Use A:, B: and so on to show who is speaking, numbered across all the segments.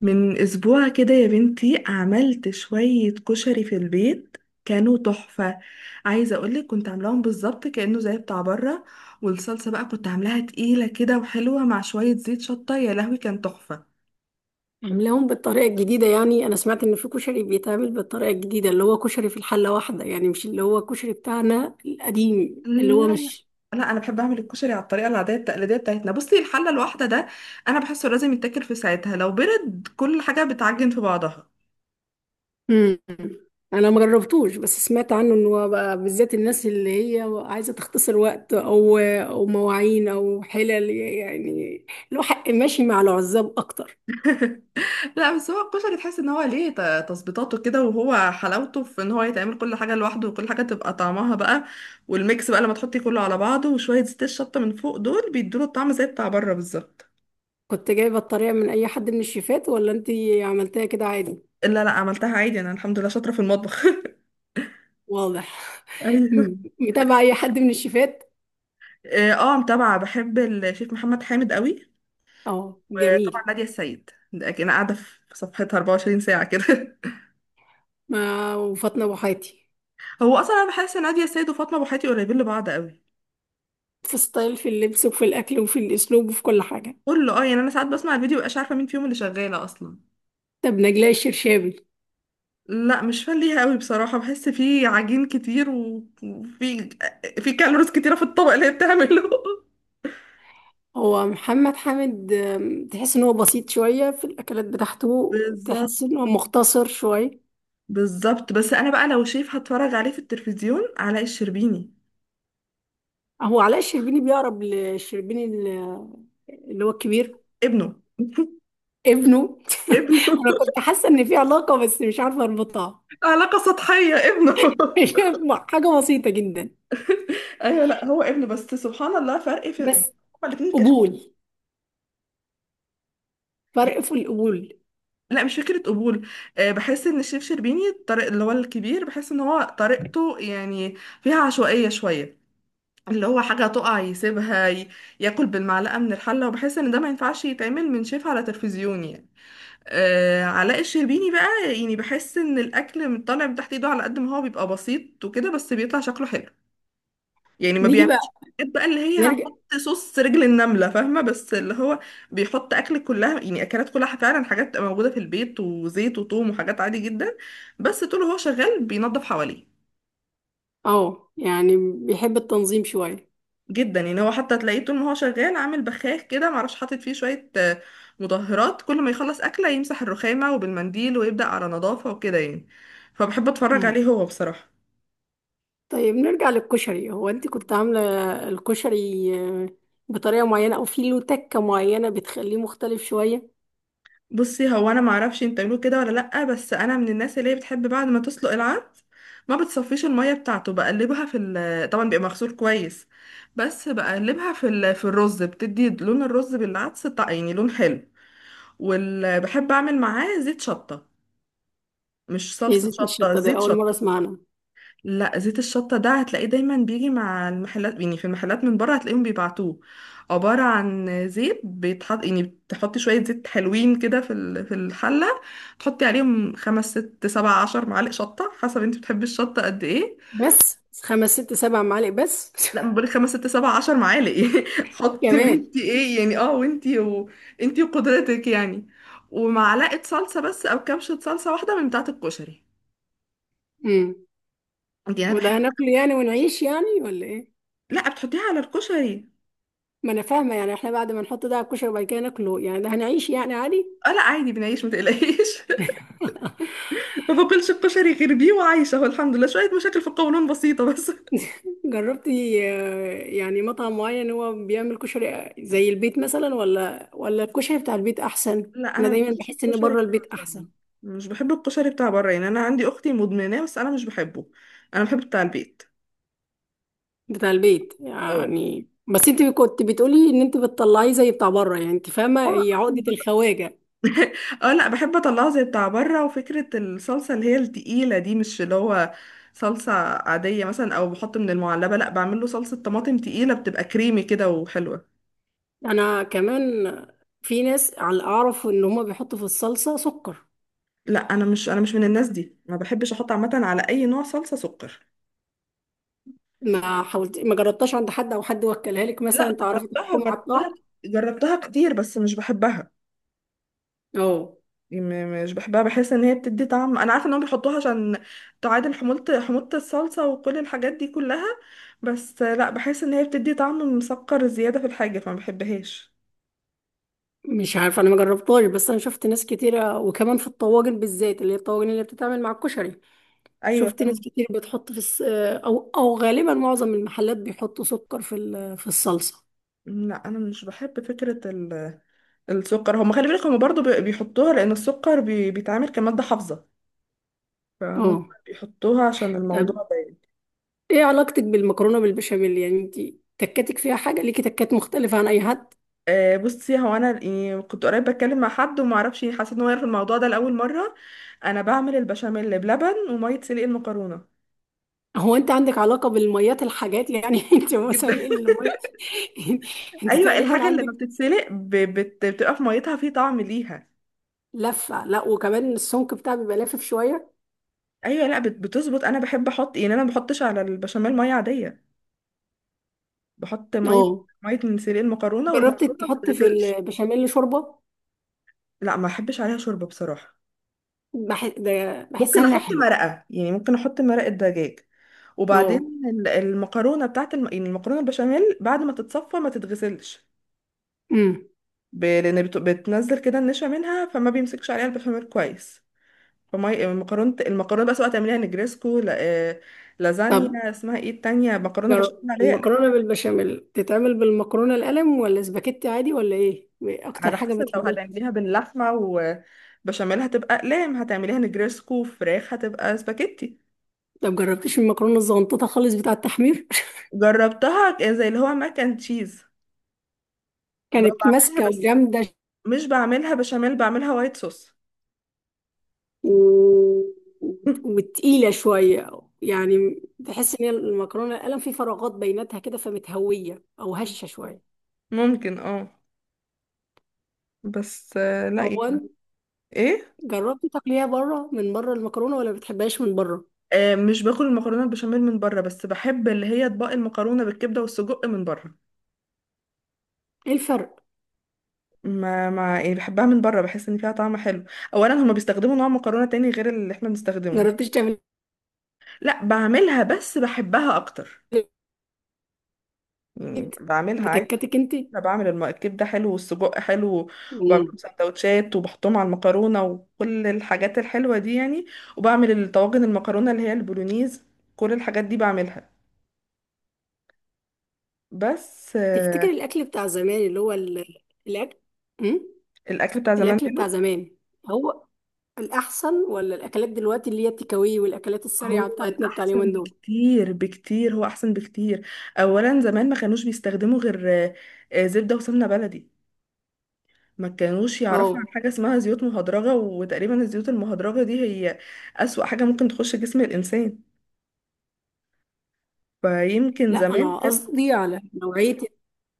A: من اسبوع كده يا بنتي عملت شوية كشري في البيت. كانوا تحفة. عايزة اقولك كنت عاملاهم بالظبط كأنه زي بتاع بره. والصلصة بقى كنت عاملاها تقيلة كده وحلوة مع شوية زيت شطة، يا لهوي كان تحفة.
B: عاملاهم بالطريقة الجديدة يعني أنا سمعت إن في كشري بيتعمل بالطريقة الجديدة اللي هو كشري في الحلة واحدة يعني مش اللي هو الكشري بتاعنا القديم
A: لا،
B: اللي هو
A: لا،
B: مش.
A: لا، انا بحب اعمل الكشري على الطريقة العادية التقليدية بتاعتنا. بصي، الحلة الواحدة ده انا بحسه لازم يتاكل في ساعتها، لو برد كل حاجة بتعجن في بعضها.
B: مم. أنا ما جربتوش بس سمعت عنه إن هو بقى بالذات الناس اللي هي عايزة تختصر وقت أو مواعين أو حلل يعني له حق ماشي مع العزاب أكتر.
A: لا بس هو الكشري تحس ان هو ليه تظبيطاته كده، وهو حلاوته في ان هو يتعمل كل حاجه لوحده وكل حاجه تبقى طعمها بقى. والميكس بقى لما تحطي كله على بعضه وشويه زيت الشطه من فوق دول بيدوله الطعم زي بتاع بره بالظبط.
B: كنت جايبة الطريقة من أي حد من الشيفات ولا أنتي عملتها كده عادي؟
A: لا، لا عملتها عادي، انا الحمد لله شاطره في المطبخ
B: واضح.
A: ايوه.
B: م- متابعة أي حد من الشيفات؟
A: اه متابعه، بحب الشيف محمد حامد قوي.
B: أه
A: وطبعا
B: جميل.
A: ناديه السيد ده اكيد انا قاعده في صفحتها 24 ساعه كده.
B: ما وفاطمة أبو حياتي.
A: هو اصلا انا بحس ان ناديه السيد وفاطمه ابو حياتي قريبين لبعض قوي.
B: في ستايل في اللبس وفي الأكل وفي الأسلوب وفي كل حاجة.
A: كله اه يعني انا ساعات بسمع الفيديو مبقاش عارفه مين فيهم اللي شغاله اصلا.
B: طب نجلاء الشرشابي.
A: لا مش فان ليها قوي بصراحة، بحس فيه عجين كتير وفي في كالوريز كتيرة في الطبق اللي هي بتعمله.
B: هو محمد حامد تحس إن هو بسيط شوية في الأكلات بتاعته،
A: بالظبط،
B: تحس إن هو مختصر شوية.
A: بالظبط. بس انا بقى لو شيف هتفرج عليه في التلفزيون، علاء الشربيني.
B: هو علاء الشربيني بيقرب للشربيني اللي هو الكبير.
A: ابنه.
B: ابنه.
A: ابنه.
B: أنا كنت حاسة إن في علاقة بس مش عارفة أربطها.
A: علاقة سطحية، ابنه.
B: هي حاجة بسيطة جدا.
A: ايوه، لا هو ابنه، بس سبحان الله فرق في
B: بس
A: هما الاتنين كش...
B: قبول، فرق في القبول.
A: لا مش فكرة قبول. أه، بحس ان الشيف شربيني الطريق اللي هو الكبير بحس ان هو طريقته يعني فيها عشوائية شوية. اللي هو حاجة تقع يسيبها ياكل بالمعلقة من الحلة. وبحس ان ده ما ينفعش يتعمل من شيف على تلفزيون يعني. آه، علاء الشربيني بقى يعني بحس ان الاكل من طالع من تحت ايده على قد ما هو بيبقى بسيط وكده بس بيطلع شكله حلو يعني. ما
B: نيجي بقى،
A: بيعملش حاجات بقى اللي هي
B: نرجع.
A: هنحط صوص رجل النملة، فاهمة؟ بس اللي هو بيحط اكل كلها يعني اكلات كلها فعلا حاجات موجودة في البيت وزيت وثوم وحاجات عادي جدا. بس طول هو شغال بينظف حواليه.
B: اه يعني بيحب التنظيم شوية.
A: جدا يعني، هو حتى تلاقيه طول ما هو شغال عامل بخاخ كده معرفش حاطط فيه شوية مطهرات. كل ما يخلص أكلة يمسح الرخامة وبالمنديل ويبدأ على نظافة وكده يعني. فبحب أتفرج
B: مم.
A: عليه هو بصراحة.
B: طيب نرجع للكشري، هو انت كنت عاملة الكشري آه، بطريقة معينة او في له تكة معينة بتخليه مختلف شوية؟
A: بصي، هو أنا معرفش انت بتعملوه كده ولا لأ، بس أنا من الناس اللي هي بتحب بعد ما تسلق العدس ما بتصفيش المية بتاعته، بقلبها في ال، طبعا بيبقى مغسول كويس، بس بقلبها في ال... في الرز، بتدي لون الرز بالعدس يعني لون حلو. وبحب أعمل معاه زيت شطة، مش
B: ايه
A: صلصة
B: زيت
A: شطة،
B: الشطة دي؟
A: زيت
B: اول مرة
A: شطة.
B: اسمع عنها.
A: لا زيت الشطة ده هتلاقيه دايما بيجي مع المحلات، يعني في المحلات من بره هتلاقيهم بيبعتوه. عبارة عن زيت بيتحط، يعني بتحطي شوية زيت حلوين كده في في الحلة، تحطي عليهم خمس ست سبع عشر معالق شطة حسب انت بتحبي الشطة قد ايه.
B: بس خمس ست سبع معالق بس؟
A: لا، ما بقولك خمس ست سبع عشر معالق. حطي
B: كمان.
A: وانتي ايه يعني، اه وانتي وقدرتك يعني. ومعلقة صلصة بس او كبشة صلصة واحدة من بتاعة الكشري.
B: مم.
A: دي انا بحب.
B: وده هناكله يعني ونعيش يعني ولا ايه؟
A: لا بتحطيها على الكشري.
B: ما انا فاهمة يعني، احنا بعد ما نحط ده على الكشري وبعد كده ناكله يعني ده هنعيش يعني عادي.
A: اه لا عادي بنعيش، ما تقلقيش. ما باكلش الكشري غير بيه وعايشه، هو الحمد لله شويه مشاكل في القولون بسيطه بس.
B: جربتي يعني مطعم معين هو بيعمل كشري زي البيت مثلا، ولا الكشري بتاع البيت احسن؟
A: لا
B: انا
A: انا ما
B: دايما
A: بحبش
B: بحس ان
A: الكشري
B: بره
A: بتاع
B: البيت
A: بره.
B: احسن.
A: مش بحب الكشري بتاع بره، يعني انا عندي اختي مدمناه بس انا مش بحبه. انا بحب بتاع البيت.
B: بتاع البيت
A: اه.
B: يعني، بس انت كنت بتقولي ان انت بتطلعيه زي بتاع بره، يعني انت
A: اه
B: فاهمه هي عقده الخواجه.
A: اه لا بحب اطلعه زي بتاع بره، وفكره الصلصه اللي هي التقيله دي مش اللي هو صلصه عاديه مثلا او بحط من المعلبه، لا بعمل له صلصه طماطم تقيله بتبقى كريمي كده وحلوه.
B: انا كمان، في ناس على اعرف ان هما بيحطوا في الصلصه سكر.
A: لا انا مش من الناس دي، ما بحبش احط عامه على اي نوع صلصه سكر.
B: ما حاولت ما جربتهاش عند حد او حد وكلها لك
A: لا
B: مثلا تعرفي
A: جربتها
B: تحكمي على
A: جربتها
B: الطعم؟
A: جربتها كتير بس مش بحبها.
B: اه.
A: يعني مش بحبها، بحس ان هي بتدي طعم. انا عارفه انهم بيحطوها عشان تعادل حموضه الصلصه وكل الحاجات دي كلها، بس لا بحس ان هي بتدي طعم مسكر زياده في الحاجه فما بحبهاش.
B: مش عارف، انا ما جربتهاش بس انا شفت ناس كتيرة، وكمان في الطواجن بالذات اللي هي الطواجن اللي بتتعمل مع الكشري.
A: ايوه،
B: شفت ناس
A: فاهمة.
B: كتير بتحط في او غالبا معظم المحلات بيحطوا سكر في الصلصة.
A: لا انا مش بحب فكره السكر. هم خلي بالك، هم برضو بيحطوها لان السكر بيتعامل كماده حافظه، فهم
B: اه.
A: بيحطوها عشان
B: طب،
A: الموضوع ده.
B: ايه علاقتك بالمكرونة بالبشاميل؟ يعني انت تكاتك فيها حاجة، ليكي تكات مختلفة عن اي حد؟
A: بصي هو انا يعني كنت قريب بتكلم مع حد وما اعرفش حسيت ان هو يعرف الموضوع ده لاول مره. انا بعمل البشاميل بلبن وميه سلق المكرونه.
B: هو انت عندك علاقة بالميات الحاجات يعني؟ انت
A: جدا.
B: مساليق المية. انت
A: ايوه،
B: تقريبا
A: الحاجه اللي ما
B: عندك
A: بتتسلق بتبقى في ميتها في طعم ليها.
B: لفة، لا وكمان السمك بتاعك بيبقى لافف شوية.
A: ايوه، لا بتظبط. انا بحب احط يعني انا ما بحطش على البشاميل ميه عاديه. بحط ميه
B: اه،
A: ميه من سلق المكرونه،
B: جربت
A: والمكرونه ما
B: تحط في
A: بتتغسلش.
B: البشاميل شوربة؟
A: لا ما بحبش عليها شوربه بصراحه.
B: ده بحسها
A: ممكن
B: انها
A: احط
B: حلوة.
A: مرقه، يعني ممكن احط مرقه دجاج. وبعدين
B: اه.
A: المكرونه بتاعت الم... يعني المكرونه البشاميل بعد ما تتصفى ما تتغسلش.
B: امم
A: ب... لان بت... بتنزل كده النشا منها فما بيمسكش عليها البشاميل كويس. فما المكرونه بس بقى سواء تعمليها نجريسكو ل...
B: طب
A: لازانيا، اسمها ايه التانية مكرونه بشاميل
B: جرب
A: عليها أقلام.
B: المكرونة بالبشاميل تتعمل بالمكرونة القلم ولا سباكيتي عادي ولا ايه؟ إيه اكتر
A: على
B: حاجة
A: حسب لو
B: بتحبها؟
A: هتعمليها باللحمه وبشاميل هتبقى اقلام، هتعمليها نجريسكو فراخ هتبقى سباكيتي.
B: طب جربتيش المكرونة الزغنططة خالص بتاع التحمير؟
A: جربتها زي اللي هو ماك اند تشيز، اللي هو
B: كانت
A: بعملها
B: ماسكة
A: بس
B: وجامدة.
A: مش بعملها بشاميل، بعملها وايت صوص.
B: و... وتقيلة شوية. يعني تحس ان هي المكرونة القلم في فراغات بيناتها كده فمتهوية او هشة شوية.
A: ممكن اه. بس لا
B: هو
A: يعني.
B: انت
A: ايه
B: جربتي تاكليها بره؟ من بره المكرونة ولا بتحبهاش من بره؟
A: مش باكل المكرونه البشاميل من بره، بس بحب اللي هي اطباق المكرونه بالكبده والسجق من بره.
B: ايه الفرق؟
A: ما يعني بحبها من بره، بحس ان فيها طعم حلو. اولا هما بيستخدموا نوع مكرونه تاني غير اللي احنا بنستخدمه ده.
B: جربتيش تعملي؟
A: لا بعملها، بس بحبها اكتر. يعني
B: بيت،
A: بعملها عادي.
B: بتكاتك انت.
A: انا بعمل الكبده حلو والسجق حلو. وبعمل
B: مم.
A: سندوتشات وبحطهم على المكرونه وكل الحاجات الحلوه دي يعني. وبعمل الطواجن المكرونه اللي هي البولونيز، كل الحاجات دي بعملها. بس
B: تفتكر الاكل بتاع زمان اللي هو الاكل، امم
A: الاكل بتاع زمان
B: الاكل بتاع
A: منه
B: زمان هو الاحسن ولا الاكلات دلوقتي اللي هي التكاوي والاكلات السريعه
A: هو
B: بتاعتنا بتاع
A: الاحسن
B: اليومين دول؟
A: بكتير بكتير، هو احسن بكتير. اولا زمان ما كانوش بيستخدموا غير زبده وسمنه بلدي. ما كانوش يعرفوا عن
B: اه
A: حاجه اسمها زيوت مهدرجه، وتقريبا الزيوت المهدرجه دي هي اسوأ حاجه ممكن تخش جسم الانسان. فيمكن
B: لا،
A: زمان
B: انا
A: كانت
B: قصدي على نوعيه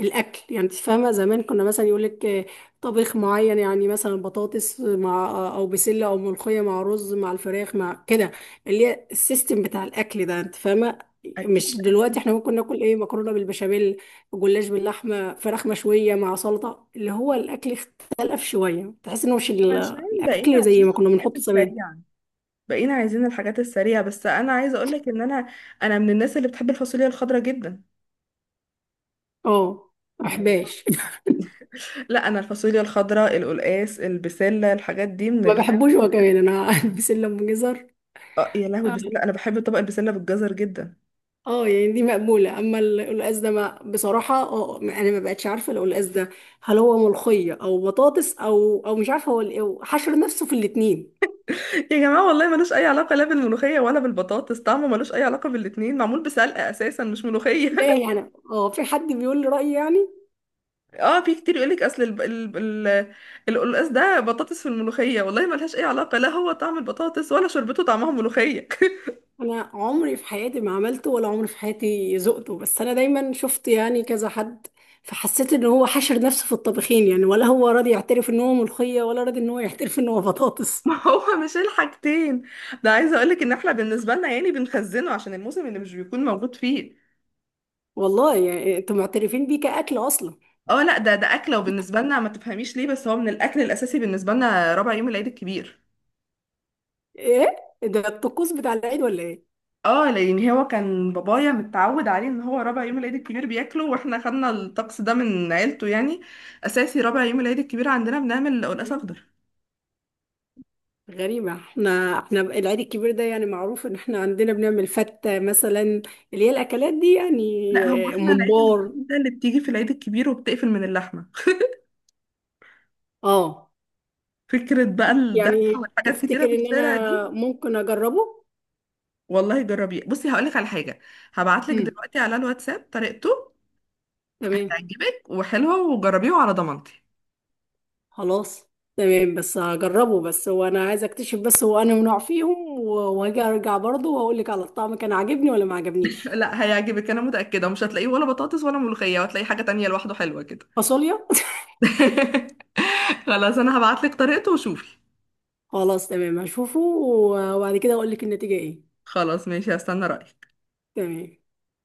B: الاكل، يعني انت فاهمه زمان كنا مثلا يقول لك طبيخ معين، يعني مثلا بطاطس مع او بسله او ملوخيه مع رز مع الفراخ مع كده، اللي هي السيستم بتاع الاكل ده انت فاهمه. مش
A: اكيد.
B: دلوقتي احنا ممكن ناكل ايه؟ مكرونه بالبشاميل، جلاش باللحمه، فراخ مشويه مع سلطه، اللي هو الاكل اختلف شويه، تحس انه مش
A: عشان بقينا
B: الاكل زي
A: عايزين
B: ما كنا
A: الحاجات
B: بنحطه زمان.
A: السريعه. بس انا عايزه اقول لك ان انا من الناس اللي بتحب الفاصوليا الخضراء جدا
B: اه ما
A: يعني.
B: بحبهاش.
A: لا انا الفاصوليا الخضراء، القلقاس، البسله، الحاجات دي من
B: ما
A: ال...
B: بحبوش هو كمان انا، بسله ام جزر.
A: يا لهوي
B: آه.
A: البسله انا بحب طبق البسله بالجزر جدا.
B: اه يعني دي مقبولة، اما القلقاس ده ما بصراحة انا ما بقتش عارفة لو القلقاس ده هل هو ملوخية او بطاطس او مش عارفة هو هو حشر نفسه في الاتنين.
A: يا جماعه والله ملوش اي علاقه لا بالملوخيه ولا بالبطاطس، طعمه ملوش اي علاقه بالاتنين، معمول بسلقه اساسا مش ملوخيه.
B: لا يعني في حد بيقول لي رأيي يعني.
A: اه في كتير يقولك اصل ال... القلقاس ده بطاطس في الملوخيه، والله ملهاش اي علاقه، لا هو طعم البطاطس ولا شربته طعمها ملوخيه.
B: انا عمري في حياتي ما عملته ولا عمري في حياتي ذقته، بس انا دايما شفت يعني كذا حد، فحسيت ان هو حشر نفسه في الطبخين يعني، ولا هو راضي يعترف ان هو ملوخية ولا راضي ان هو يعترف ان هو بطاطس.
A: ما هو مش الحاجتين. ده عايزه اقولك ان احنا بالنسبه لنا يعني بنخزنه عشان الموسم اللي مش بيكون موجود فيه
B: والله يعني انتوا معترفين بيه كأكل اصلا؟
A: اه لا ده اكله، وبالنسبه لنا ما تفهميش ليه، بس هو من الاكل الاساسي بالنسبه لنا ربع يوم العيد الكبير.
B: ايه؟ ده الطقوس بتاع العيد ولا ايه؟
A: اه لان هو كان بابايا متعود عليه، ان هو ربع يوم العيد الكبير بياكله، واحنا خدنا الطقس ده من عيلته يعني. اساسي ربع يوم العيد الكبير عندنا بنعمل قلقاس اخضر.
B: غريبة، احنا العيد الكبير ده يعني معروف ان احنا عندنا بنعمل فتة مثلا، اللي هي الاكلات دي يعني.
A: لا هو
B: آه،
A: احنا العيله
B: ممبار.
A: الوحيده اللي بتيجي في العيد الكبير وبتقفل من اللحمه،
B: اه،
A: فكره بقى الذبح
B: يعني
A: والحاجات
B: تفتكر
A: كتيره في
B: ان
A: الشارع
B: انا
A: دي.
B: ممكن اجربه؟
A: والله جربيه، بصي هقولك على حاجه، هبعتلك
B: امم
A: دلوقتي على الواتساب طريقته.
B: تمام.
A: هتعجبك وحلوه، وجربيه على ضمانتي.
B: خلاص. تمام بس هجربه، بس هو انا عايزه اكتشف، بس هو انا نوع فيهم وهاجي ارجع برضه واقول لك على الطعم كان عاجبني ولا ما عجبنيش.
A: لا هيعجبك، انا متاكده ومش هتلاقيه ولا بطاطس ولا ملوخيه، وهتلاقي حاجه تانية لوحده حلوه كده.
B: فاصوليا.
A: خلاص انا هبعتلك طريقته وشوفي.
B: خلاص تمام هشوفه وبعد كده اقول لك النتيجة ايه.
A: خلاص ماشي هستنى رايك.
B: تمام.